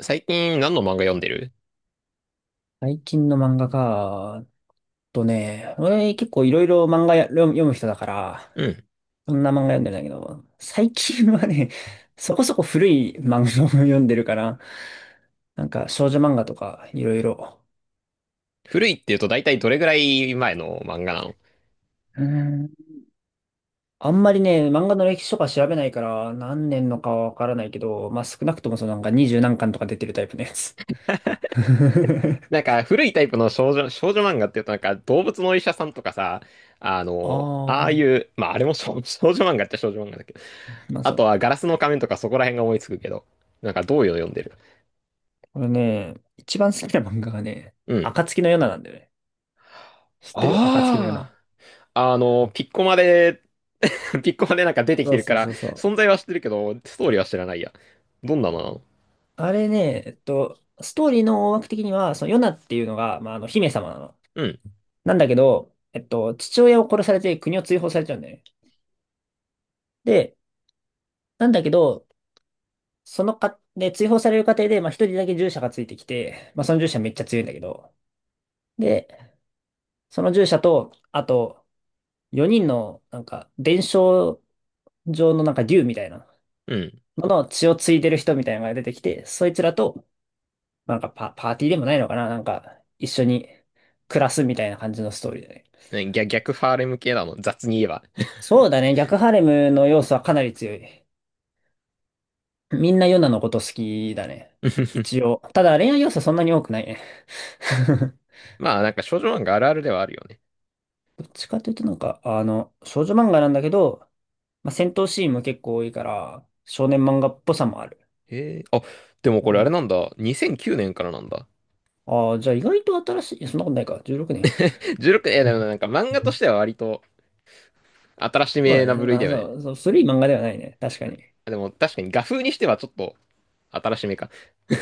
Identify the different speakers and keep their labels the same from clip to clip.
Speaker 1: 最近何の漫画読んでる？
Speaker 2: 最近の漫画か、とね、俺結構いろいろ漫画や読む人だか
Speaker 1: う
Speaker 2: ら、
Speaker 1: ん。
Speaker 2: そんな漫画読んでないんだけど、最近はね、そこそこ古い漫画を読んでるから、なんか少女漫画とかいろいろ。
Speaker 1: 古いって言うと大体どれぐらい前の漫画なの？
Speaker 2: うーん。あんまりね、漫画の歴史とか調べないから何年のかはわからないけど、まあ少なくともそのなんか二十何巻とか出てるタイプのやつ。
Speaker 1: なんか古いタイプの少女漫画って言うとなんか動物のお医者さんとかさ、
Speaker 2: あ
Speaker 1: ああい
Speaker 2: あ、
Speaker 1: う、まああれも少女漫画っちゃ少女漫画だけど、
Speaker 2: まあ
Speaker 1: あ
Speaker 2: そ
Speaker 1: と
Speaker 2: う。
Speaker 1: はガラスの仮面とかそこら辺が思いつくけど、なんかどういうの読んでる？
Speaker 2: これね、一番好きな漫画がね、
Speaker 1: うん。
Speaker 2: 暁の夜ななんだよね。知ってる？暁のよう
Speaker 1: あ
Speaker 2: な。
Speaker 1: あ、ピッコマで、ピッコマでなんか出てき
Speaker 2: そ
Speaker 1: て
Speaker 2: う
Speaker 1: る
Speaker 2: そ
Speaker 1: か
Speaker 2: う
Speaker 1: ら、
Speaker 2: そうそ
Speaker 1: 存
Speaker 2: う。
Speaker 1: 在は知ってるけど、ストーリーは知らないや。どんなのなの？
Speaker 2: あれね、ストーリーの大枠的には、そのヨナっていうのが、まあ、姫様なの。
Speaker 1: うん。
Speaker 2: なんだけど、父親を殺されて国を追放されちゃうんだよね。で、なんだけど、そのか、で、追放される過程で、まあ、一人だけ従者がついてきて、まあ、その従者めっちゃ強いんだけど、で、その従者と、あと、4人の、なんか、伝承上のなんか竜みたいな
Speaker 1: うん。
Speaker 2: のの血を継いでる人みたいなのが出てきて、そいつらとなんかパーティーでもないのかななんか、一緒に暮らすみたいな感じのストーリーだね。
Speaker 1: ね、逆ファーレム系だもん、雑に言えば。
Speaker 2: そうだね。逆ハレムの要素はかなり強い。みんなヨナのこと好きだね。一応。ただ恋愛要素そんなに多くないね。
Speaker 1: まあ、なんか少女漫画あるあるではあるよね。
Speaker 2: どっちかというとなんか、少女漫画なんだけど、まあ、戦闘シーンも結構多いから、少年漫画っぽさもある。
Speaker 1: へえ、あ、でもこれあれなんだ。2009年からなんだ。
Speaker 2: ああー、じゃあ意外と新しい。いやそんなことないか。16年。
Speaker 1: 16、でもなんか漫画とし ては割と新し
Speaker 2: そう
Speaker 1: め
Speaker 2: だ
Speaker 1: な
Speaker 2: ね。そ
Speaker 1: 部
Speaker 2: ん
Speaker 1: 類だ
Speaker 2: な、
Speaker 1: よね。
Speaker 2: そう、そう古い漫画ではないね。確かに。
Speaker 1: でも確かに画風にしてはちょっと新しめか。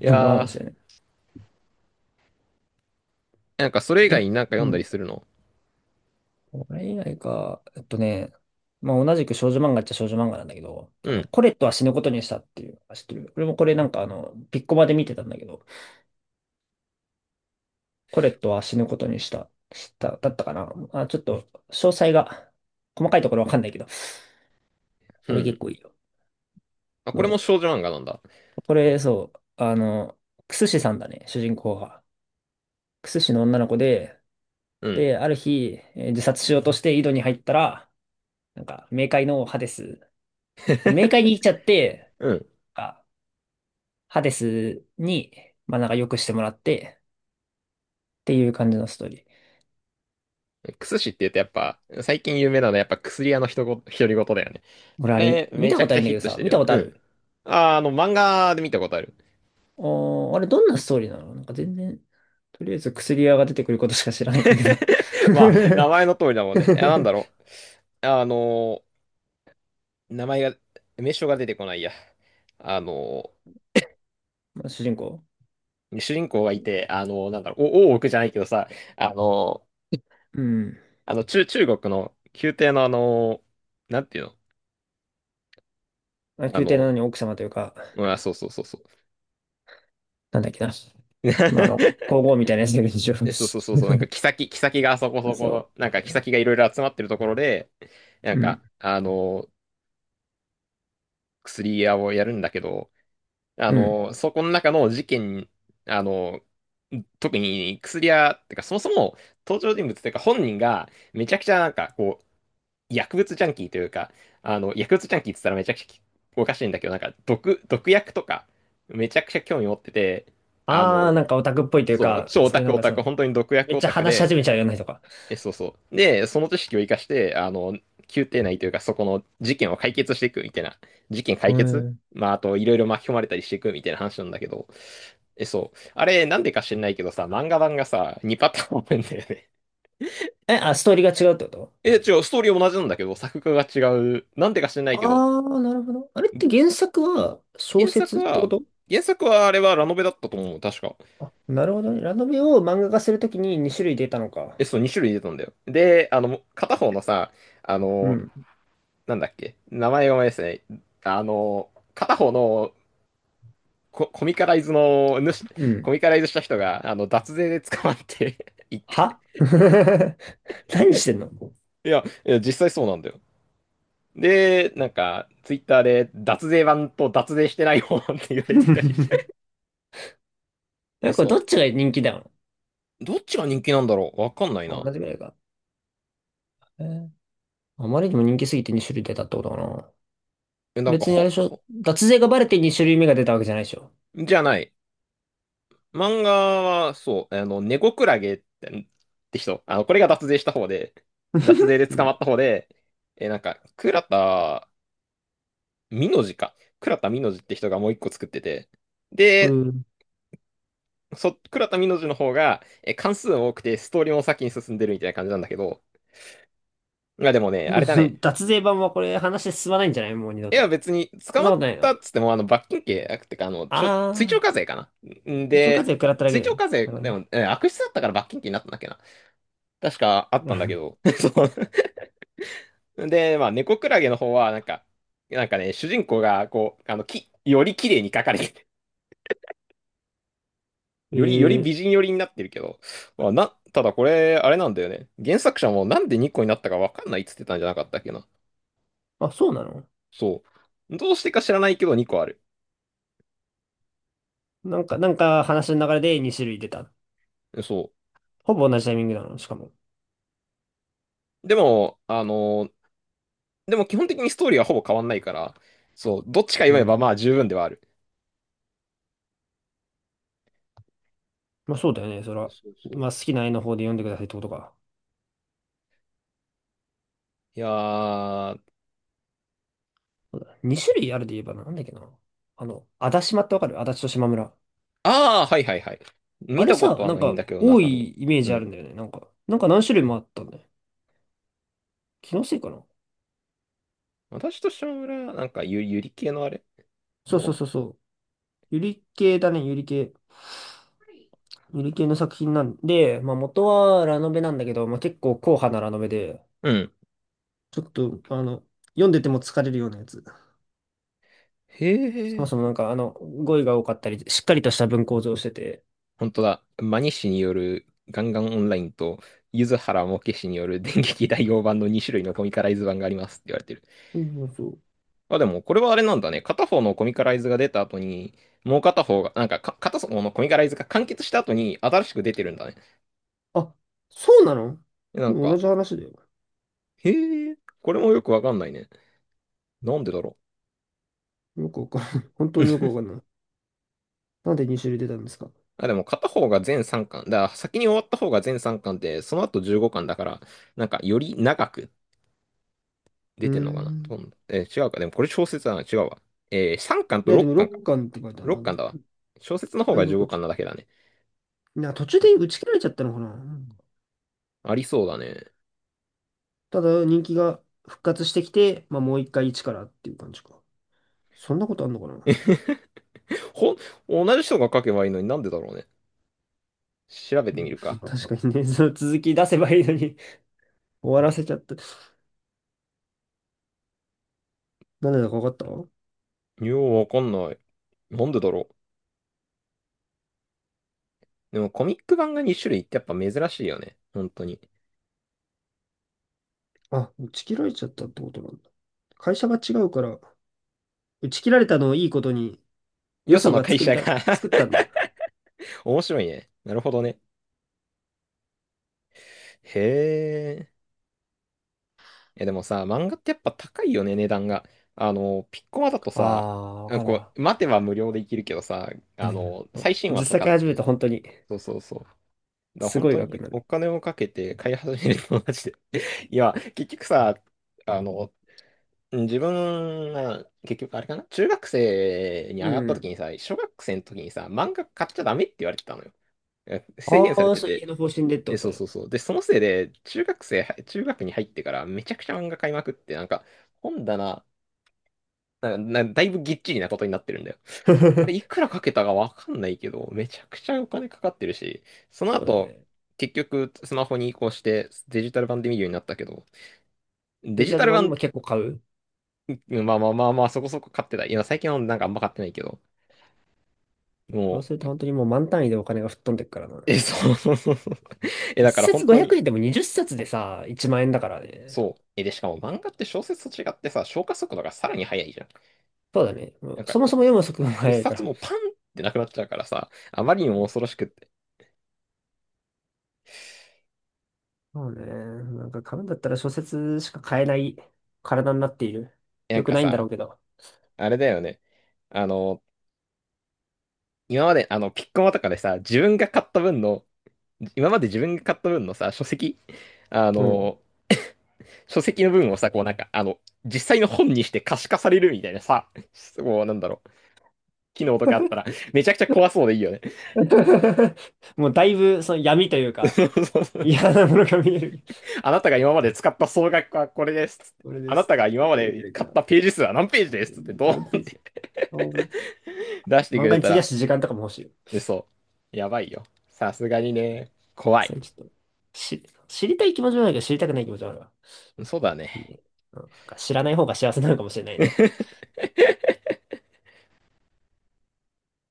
Speaker 1: い
Speaker 2: そうかかもし
Speaker 1: や
Speaker 2: れない。
Speaker 1: ー、なんかそれ以外
Speaker 2: 逆、
Speaker 1: になんか読
Speaker 2: う
Speaker 1: んだり
Speaker 2: ん。
Speaker 1: するの？
Speaker 2: これ以外か、まあ同じく少女漫画っちゃ少女漫画なんだけど、
Speaker 1: うん、
Speaker 2: コレットは死ぬことにしたっていう、知ってる？俺もこれなんかピッコマで見てたんだけど、コレットは死ぬことにした、だったかな。あ、ちょっと、詳細が、細かいところわかんないけど、
Speaker 1: う
Speaker 2: これ結
Speaker 1: ん。
Speaker 2: 構いいよ。
Speaker 1: あ、これも
Speaker 2: そ
Speaker 1: 少女漫画なんだ。
Speaker 2: う。これ、そう、クスシさんだね、主人公が。クスシの女の子で、
Speaker 1: うん、
Speaker 2: で、ある日、自殺しようとして井戸に入ったら、なんか、冥界のハデス、冥界に行っちゃって、
Speaker 1: うん。
Speaker 2: あハデスに、まあなんか良くしてもらってっていう感じのストーリー。
Speaker 1: クスシって言うとやっぱ、最近有名なのはやっぱ薬屋の独り言だよね。あ
Speaker 2: 俺あれ、
Speaker 1: れ、
Speaker 2: 見
Speaker 1: め
Speaker 2: た
Speaker 1: ちゃ
Speaker 2: こ
Speaker 1: く
Speaker 2: とあ
Speaker 1: ち
Speaker 2: る
Speaker 1: ゃ
Speaker 2: んだ
Speaker 1: ヒ
Speaker 2: け
Speaker 1: ッ
Speaker 2: ど
Speaker 1: トし
Speaker 2: さ、
Speaker 1: てる
Speaker 2: 見
Speaker 1: よ
Speaker 2: た
Speaker 1: ね。
Speaker 2: こと
Speaker 1: う
Speaker 2: あ
Speaker 1: ん。
Speaker 2: る？
Speaker 1: あー、漫画で見たことある。
Speaker 2: おー、あれどんなストーリーなの？なんか全然、とりあえず薬屋が出てくることしか知らないんだけど
Speaker 1: まあ、名前の通りだもんね。いや、なんだ ろう。ー、名前が、名称が出てこないや。あの
Speaker 2: まあ主人公。
Speaker 1: 主人公がいて、なんだろう、大奥じゃないけどさ、あのー、
Speaker 2: うん。
Speaker 1: 中国の宮廷のなんていうの？
Speaker 2: まあ、
Speaker 1: あ
Speaker 2: 宮廷な
Speaker 1: の
Speaker 2: のに奥様というか、
Speaker 1: うん、あ、そうそうそうそう。
Speaker 2: なんだっけな。まあ皇后みたいなやつだけど一応
Speaker 1: で、そうそうそうそう、なんか、妃がそこそ
Speaker 2: そ
Speaker 1: こ、なんか、
Speaker 2: う。
Speaker 1: 妃がいろいろ集まってるところで、なん
Speaker 2: うん。
Speaker 1: か、薬屋をやるんだけど、
Speaker 2: うん。
Speaker 1: そこの中の事件、あの、特に薬屋、てかそもそも登場人物っていうか本人がめちゃくちゃなんかこう、薬物ジャンキーというか、薬物ジャンキーって言ったらめちゃくちゃおかしいんだけど、なんか毒薬とかめちゃくちゃ興味持ってて、あ
Speaker 2: あー、
Speaker 1: の、
Speaker 2: なんかオタクっぽいという
Speaker 1: そう、
Speaker 2: か、
Speaker 1: 超オ
Speaker 2: そう
Speaker 1: タ
Speaker 2: いうな
Speaker 1: ク
Speaker 2: ん
Speaker 1: オ
Speaker 2: か
Speaker 1: タク、本当に毒
Speaker 2: め
Speaker 1: 薬
Speaker 2: っ
Speaker 1: オ
Speaker 2: ちゃ
Speaker 1: タク
Speaker 2: 話し
Speaker 1: で、
Speaker 2: 始めちゃうような人か。
Speaker 1: え、そうそう。で、その知識を生かして、宮廷内というか、そこの事件を解決していくみたいな。事件解
Speaker 2: う
Speaker 1: 決、
Speaker 2: ん。
Speaker 1: まあ、あと、いろいろ巻き込まれたりしていくみたいな話なんだけど。え、そう。あれ、なんでか知んないけどさ、漫画版がさ、2パターンあるんだよね。
Speaker 2: え、あ、ストーリーが違うってこと？
Speaker 1: え、違う、ストーリー同じなんだけど、作画が違う。なんでか知んないけど、
Speaker 2: ああ、なるほど。あれって原作は小
Speaker 1: 原作
Speaker 2: 説ってこ
Speaker 1: は、
Speaker 2: と？
Speaker 1: 原作はあれはラノベだったと思う、確か。
Speaker 2: あ、なるほどね。ラノベを漫画化するときに2種類出たのか。
Speaker 1: え、そう、2種類出たんだよ。で、片方のさ、あ
Speaker 2: う
Speaker 1: の、
Speaker 2: ん、
Speaker 1: なんだっけ、名前が思い出せない。片方のコミカライズの
Speaker 2: う
Speaker 1: コ
Speaker 2: ん。
Speaker 1: ミカライズした人が、脱税で捕まって 一回、
Speaker 2: は 何してんの？
Speaker 1: いや、いや、実際そうなんだよ。で、なんか、ツイッターで、脱税版と脱税してない方って言われてたりして。
Speaker 2: な
Speaker 1: え、
Speaker 2: んか これどっ
Speaker 1: そ
Speaker 2: ちが人気だよ。
Speaker 1: う。どっちが人気なんだろう、わかんない
Speaker 2: あ
Speaker 1: な。
Speaker 2: 同じぐらいか。えーあまりにも人気すぎて2種類出たってことかな。
Speaker 1: え、なんか、
Speaker 2: 別にあれでしょ。脱税がバレて2種類目が出たわけじゃないでしょ。
Speaker 1: じゃない。漫画は、そう、ネゴクラゲって人。これが脱税した方で、脱税 で
Speaker 2: う
Speaker 1: 捕ま
Speaker 2: ん。
Speaker 1: った方で、え、なんか、倉田ミノジか。倉田ミノジって人がもう一個作ってて。
Speaker 2: う
Speaker 1: で、
Speaker 2: ん
Speaker 1: 倉田美濃路の方が、え、関数多くて、ストーリーも先に進んでるみたいな感じなんだけど、まあでもね、あれだね。
Speaker 2: 脱税版はこれ話進まないんじゃない？もう二度
Speaker 1: 絵は
Speaker 2: と。
Speaker 1: 別に、
Speaker 2: そ
Speaker 1: 捕
Speaker 2: ん
Speaker 1: ま
Speaker 2: な
Speaker 1: っ
Speaker 2: ことない
Speaker 1: たっ
Speaker 2: の？
Speaker 1: つっても、罰金刑、ってか、追徴課
Speaker 2: ああ
Speaker 1: 税かな。ん
Speaker 2: ー、手帳課
Speaker 1: で、
Speaker 2: 税食らっただけ
Speaker 1: 追徴
Speaker 2: ね。
Speaker 1: 課税、でも、悪質だったから罰金刑になったんだっけな。確かあったんだけ ど。そう。で、まあ、猫クラゲの方は、なんか、なんかね、主人公が、こう、より綺麗に描かれて、
Speaker 2: え
Speaker 1: より美
Speaker 2: ー、
Speaker 1: 人寄りになってるけど、まあ、ただこれ、あれなんだよね。原作者もなんで2個になったかわかんないっつってたんじゃなかったっけな。
Speaker 2: あ、そうなの？
Speaker 1: そう。どうしてか知らないけど2個ある。
Speaker 2: なんか話の流れで2種類出た。
Speaker 1: そ
Speaker 2: ほぼ同じタイミングなの？しかも。
Speaker 1: う。でも、でも基本的にストーリーはほぼ変わんないから、そう、どっちか読
Speaker 2: う
Speaker 1: めば
Speaker 2: ん。
Speaker 1: まあ十分ではある。
Speaker 2: まあそうだよね、そら。
Speaker 1: そうそう。
Speaker 2: まあ好きな絵の方で読んでくださいってことか。
Speaker 1: いやー、あ
Speaker 2: そうだ2種類あるで言えばなんだっけな。足立島ってわかる？足立と島村。
Speaker 1: あ、はいはいはい。
Speaker 2: あ
Speaker 1: 見
Speaker 2: れ
Speaker 1: たこと
Speaker 2: さ、
Speaker 1: は
Speaker 2: なん
Speaker 1: ないん
Speaker 2: か
Speaker 1: だけど、
Speaker 2: 多
Speaker 1: 中身。
Speaker 2: いイメー
Speaker 1: う
Speaker 2: ジあるんだ
Speaker 1: ん。
Speaker 2: よね。なんか何種類もあったんだよ。気のせいかな。
Speaker 1: 私と島村、なんかゆり系のあれ、
Speaker 2: そ
Speaker 1: ど
Speaker 2: う
Speaker 1: うな
Speaker 2: そう
Speaker 1: の？
Speaker 2: そうそう。ゆり系だね、ゆり系。ゆり系の作品なんで、まあ元はラノベなんだけど、まあ結構硬派なラノベで、
Speaker 1: うん。
Speaker 2: ちょっと、読んでても疲れるようなやつ。
Speaker 1: へ
Speaker 2: そも
Speaker 1: え。
Speaker 2: そもなんか、語彙が多かったり、しっかりとした文構造をしてて、
Speaker 1: 本当だ。マニ氏によるガンガンオンラインと、柚子原モケ氏による 電撃大王版の2種類のコミカライズ版がありますって言われてる。
Speaker 2: そうそうそう。
Speaker 1: まあ、でもこれはあれなんだね。片方のコミカライズが出た後に、もう片方が、なんかか片方のコミカライズが完結した後に新しく出てるんだね。
Speaker 2: あ、そうなの？
Speaker 1: な
Speaker 2: で
Speaker 1: ん
Speaker 2: も同
Speaker 1: か、
Speaker 2: じ話だよ。
Speaker 1: へえ、これもよくわかんないね。なんでだろ
Speaker 2: よくわかんない。本当
Speaker 1: う。
Speaker 2: によ くわかんない。なんで2種類出たんですか？
Speaker 1: あ、でも片方が全3巻。だから先に終わった方が全3巻で、その後15巻だから、なんかより長く
Speaker 2: う
Speaker 1: 出
Speaker 2: ー
Speaker 1: てんのかな、ど
Speaker 2: ん。
Speaker 1: んえー違うか。でもこれ小説だな。違うわ。3巻
Speaker 2: い
Speaker 1: と
Speaker 2: や、で
Speaker 1: 6
Speaker 2: も
Speaker 1: 巻かん
Speaker 2: 6
Speaker 1: か。
Speaker 2: 巻って書いてある
Speaker 1: 6
Speaker 2: な。
Speaker 1: 巻だわ。小説の方
Speaker 2: だい
Speaker 1: が
Speaker 2: ぶ
Speaker 1: 15
Speaker 2: こっち。
Speaker 1: 巻なだけだね。
Speaker 2: いや、途中で打ち切られちゃったのかな。うん。
Speaker 1: ありそうだね。
Speaker 2: ただ、人気が復活してきて、まあ、もう一回一からっていう感じか。そんなことあんのかな。
Speaker 1: ほん、同じ人が書けばいいのになんでだろうね。調べ
Speaker 2: う
Speaker 1: てみ
Speaker 2: ん、
Speaker 1: るか。
Speaker 2: 確かにね、その続き出せばいいのに 終わらせちゃった。なんでだかわかった？
Speaker 1: ようわかんない。なんでだろう。でもコミック版が2種類ってやっぱ珍しいよね。本当に。
Speaker 2: あ、打ち切られちゃったってことなんだ。会社が違うから、打ち切られたのをいいことに、よ
Speaker 1: よそ
Speaker 2: そ
Speaker 1: の
Speaker 2: が
Speaker 1: 会社が
Speaker 2: 作ったんだな。
Speaker 1: 面白いね。なるほどね。へえ、でもさ、漫画ってやっぱ高いよね、値段が。ピッコマだと
Speaker 2: あ
Speaker 1: さ、
Speaker 2: あ、わ
Speaker 1: あ、
Speaker 2: かる
Speaker 1: こ
Speaker 2: わ。
Speaker 1: う、待てば無料でいけるけどさ、
Speaker 2: うん。
Speaker 1: 最新話
Speaker 2: 実
Speaker 1: と
Speaker 2: 際
Speaker 1: かっ
Speaker 2: 買い始めた
Speaker 1: て、
Speaker 2: ら本当に、
Speaker 1: そうそうそう。だから
Speaker 2: す
Speaker 1: 本
Speaker 2: ごい
Speaker 1: 当
Speaker 2: 額
Speaker 1: に
Speaker 2: になる。
Speaker 1: お金をかけて買い始めるのマジで。いや、結局さ、あの、自分が、結局あれかな、中学生に
Speaker 2: う
Speaker 1: 上がった時
Speaker 2: ん。
Speaker 1: にさ、小学生の時にさ、漫画買っちゃダメって言われてたのよ。制
Speaker 2: あ
Speaker 1: 限され
Speaker 2: あ、
Speaker 1: て
Speaker 2: そう、家
Speaker 1: て、
Speaker 2: の方針でって
Speaker 1: え、
Speaker 2: こと
Speaker 1: そうそ
Speaker 2: ね。
Speaker 1: うそう。で、そのせいで、中学に入ってからめちゃくちゃ漫画買いまくって、なんか、本棚、だいぶぎっちりなことになってるんだよ。あれ、い くらかけたかわかんないけど、めちゃくちゃお金かかってるし、その
Speaker 2: そうだよ
Speaker 1: 後、
Speaker 2: ね。
Speaker 1: 結局、スマホに移行して、デジタル版で見るようになったけど、デ
Speaker 2: デジ
Speaker 1: ジ
Speaker 2: タ
Speaker 1: タ
Speaker 2: ル
Speaker 1: ル
Speaker 2: 版で
Speaker 1: 版、
Speaker 2: も結構買う？
Speaker 1: まあまあまあまあ、そこそこ買ってた。今、最近はなんかあんま買ってないけど、
Speaker 2: そう
Speaker 1: も
Speaker 2: すると
Speaker 1: う、
Speaker 2: 本当にもう満単位でお金が吹っ飛んでっからな。
Speaker 1: え、そうそうそうそう。え、
Speaker 2: 一
Speaker 1: だから
Speaker 2: 冊
Speaker 1: 本当
Speaker 2: 500
Speaker 1: に、
Speaker 2: 円でも20冊でさ、1万円だからね。
Speaker 1: そう。え、で、しかも漫画って小説と違ってさ、消化速度がさらに速いじゃん。
Speaker 2: そうだね。も
Speaker 1: な
Speaker 2: う
Speaker 1: んか、
Speaker 2: そもそも読む速度が
Speaker 1: 一
Speaker 2: 速いか
Speaker 1: 冊
Speaker 2: ら。
Speaker 1: もパンってなくなっちゃうからさ、あまりにも恐ろしくって。
Speaker 2: そうね。なんか買うんだったら小説しか買えない体になっている。
Speaker 1: な
Speaker 2: よ
Speaker 1: ん
Speaker 2: く
Speaker 1: か
Speaker 2: ないんだろ
Speaker 1: さ、
Speaker 2: うけど。
Speaker 1: あれだよね。あの、今まで、ピッコマとかでさ、自分が買った分の、今まで自分が買った分のさ、書籍、あ
Speaker 2: うん。
Speaker 1: の、書籍の分をさ、こうなんか、実際の本にして可視化されるみたいなさ、もうなんだろう、機能とかあったら、めちゃくちゃ怖そうでいいよね。
Speaker 2: もうだいぶその闇というか、嫌なものが見える。
Speaker 1: あなたが今まで使った総額はこれです。
Speaker 2: これで
Speaker 1: あな
Speaker 2: す。
Speaker 1: たが
Speaker 2: い
Speaker 1: 今ま
Speaker 2: けるいけ
Speaker 1: で
Speaker 2: るいけ
Speaker 1: 買っ
Speaker 2: る。
Speaker 1: たページ数は何ページですってどう？
Speaker 2: 何 ページ？お。
Speaker 1: 出してく
Speaker 2: 漫画
Speaker 1: れ
Speaker 2: に
Speaker 1: た
Speaker 2: 費や
Speaker 1: ら、
Speaker 2: す時間とかも欲しいよ。
Speaker 1: え、そう。やばいよ。さすがにね。怖
Speaker 2: そ
Speaker 1: い。
Speaker 2: れちょっと、し、知りたい気持ちもあるけど、知りたくない気持ちもあるわ。
Speaker 1: そうだね。
Speaker 2: ね。うん。なんか知らない方が幸せなのかもしれないね。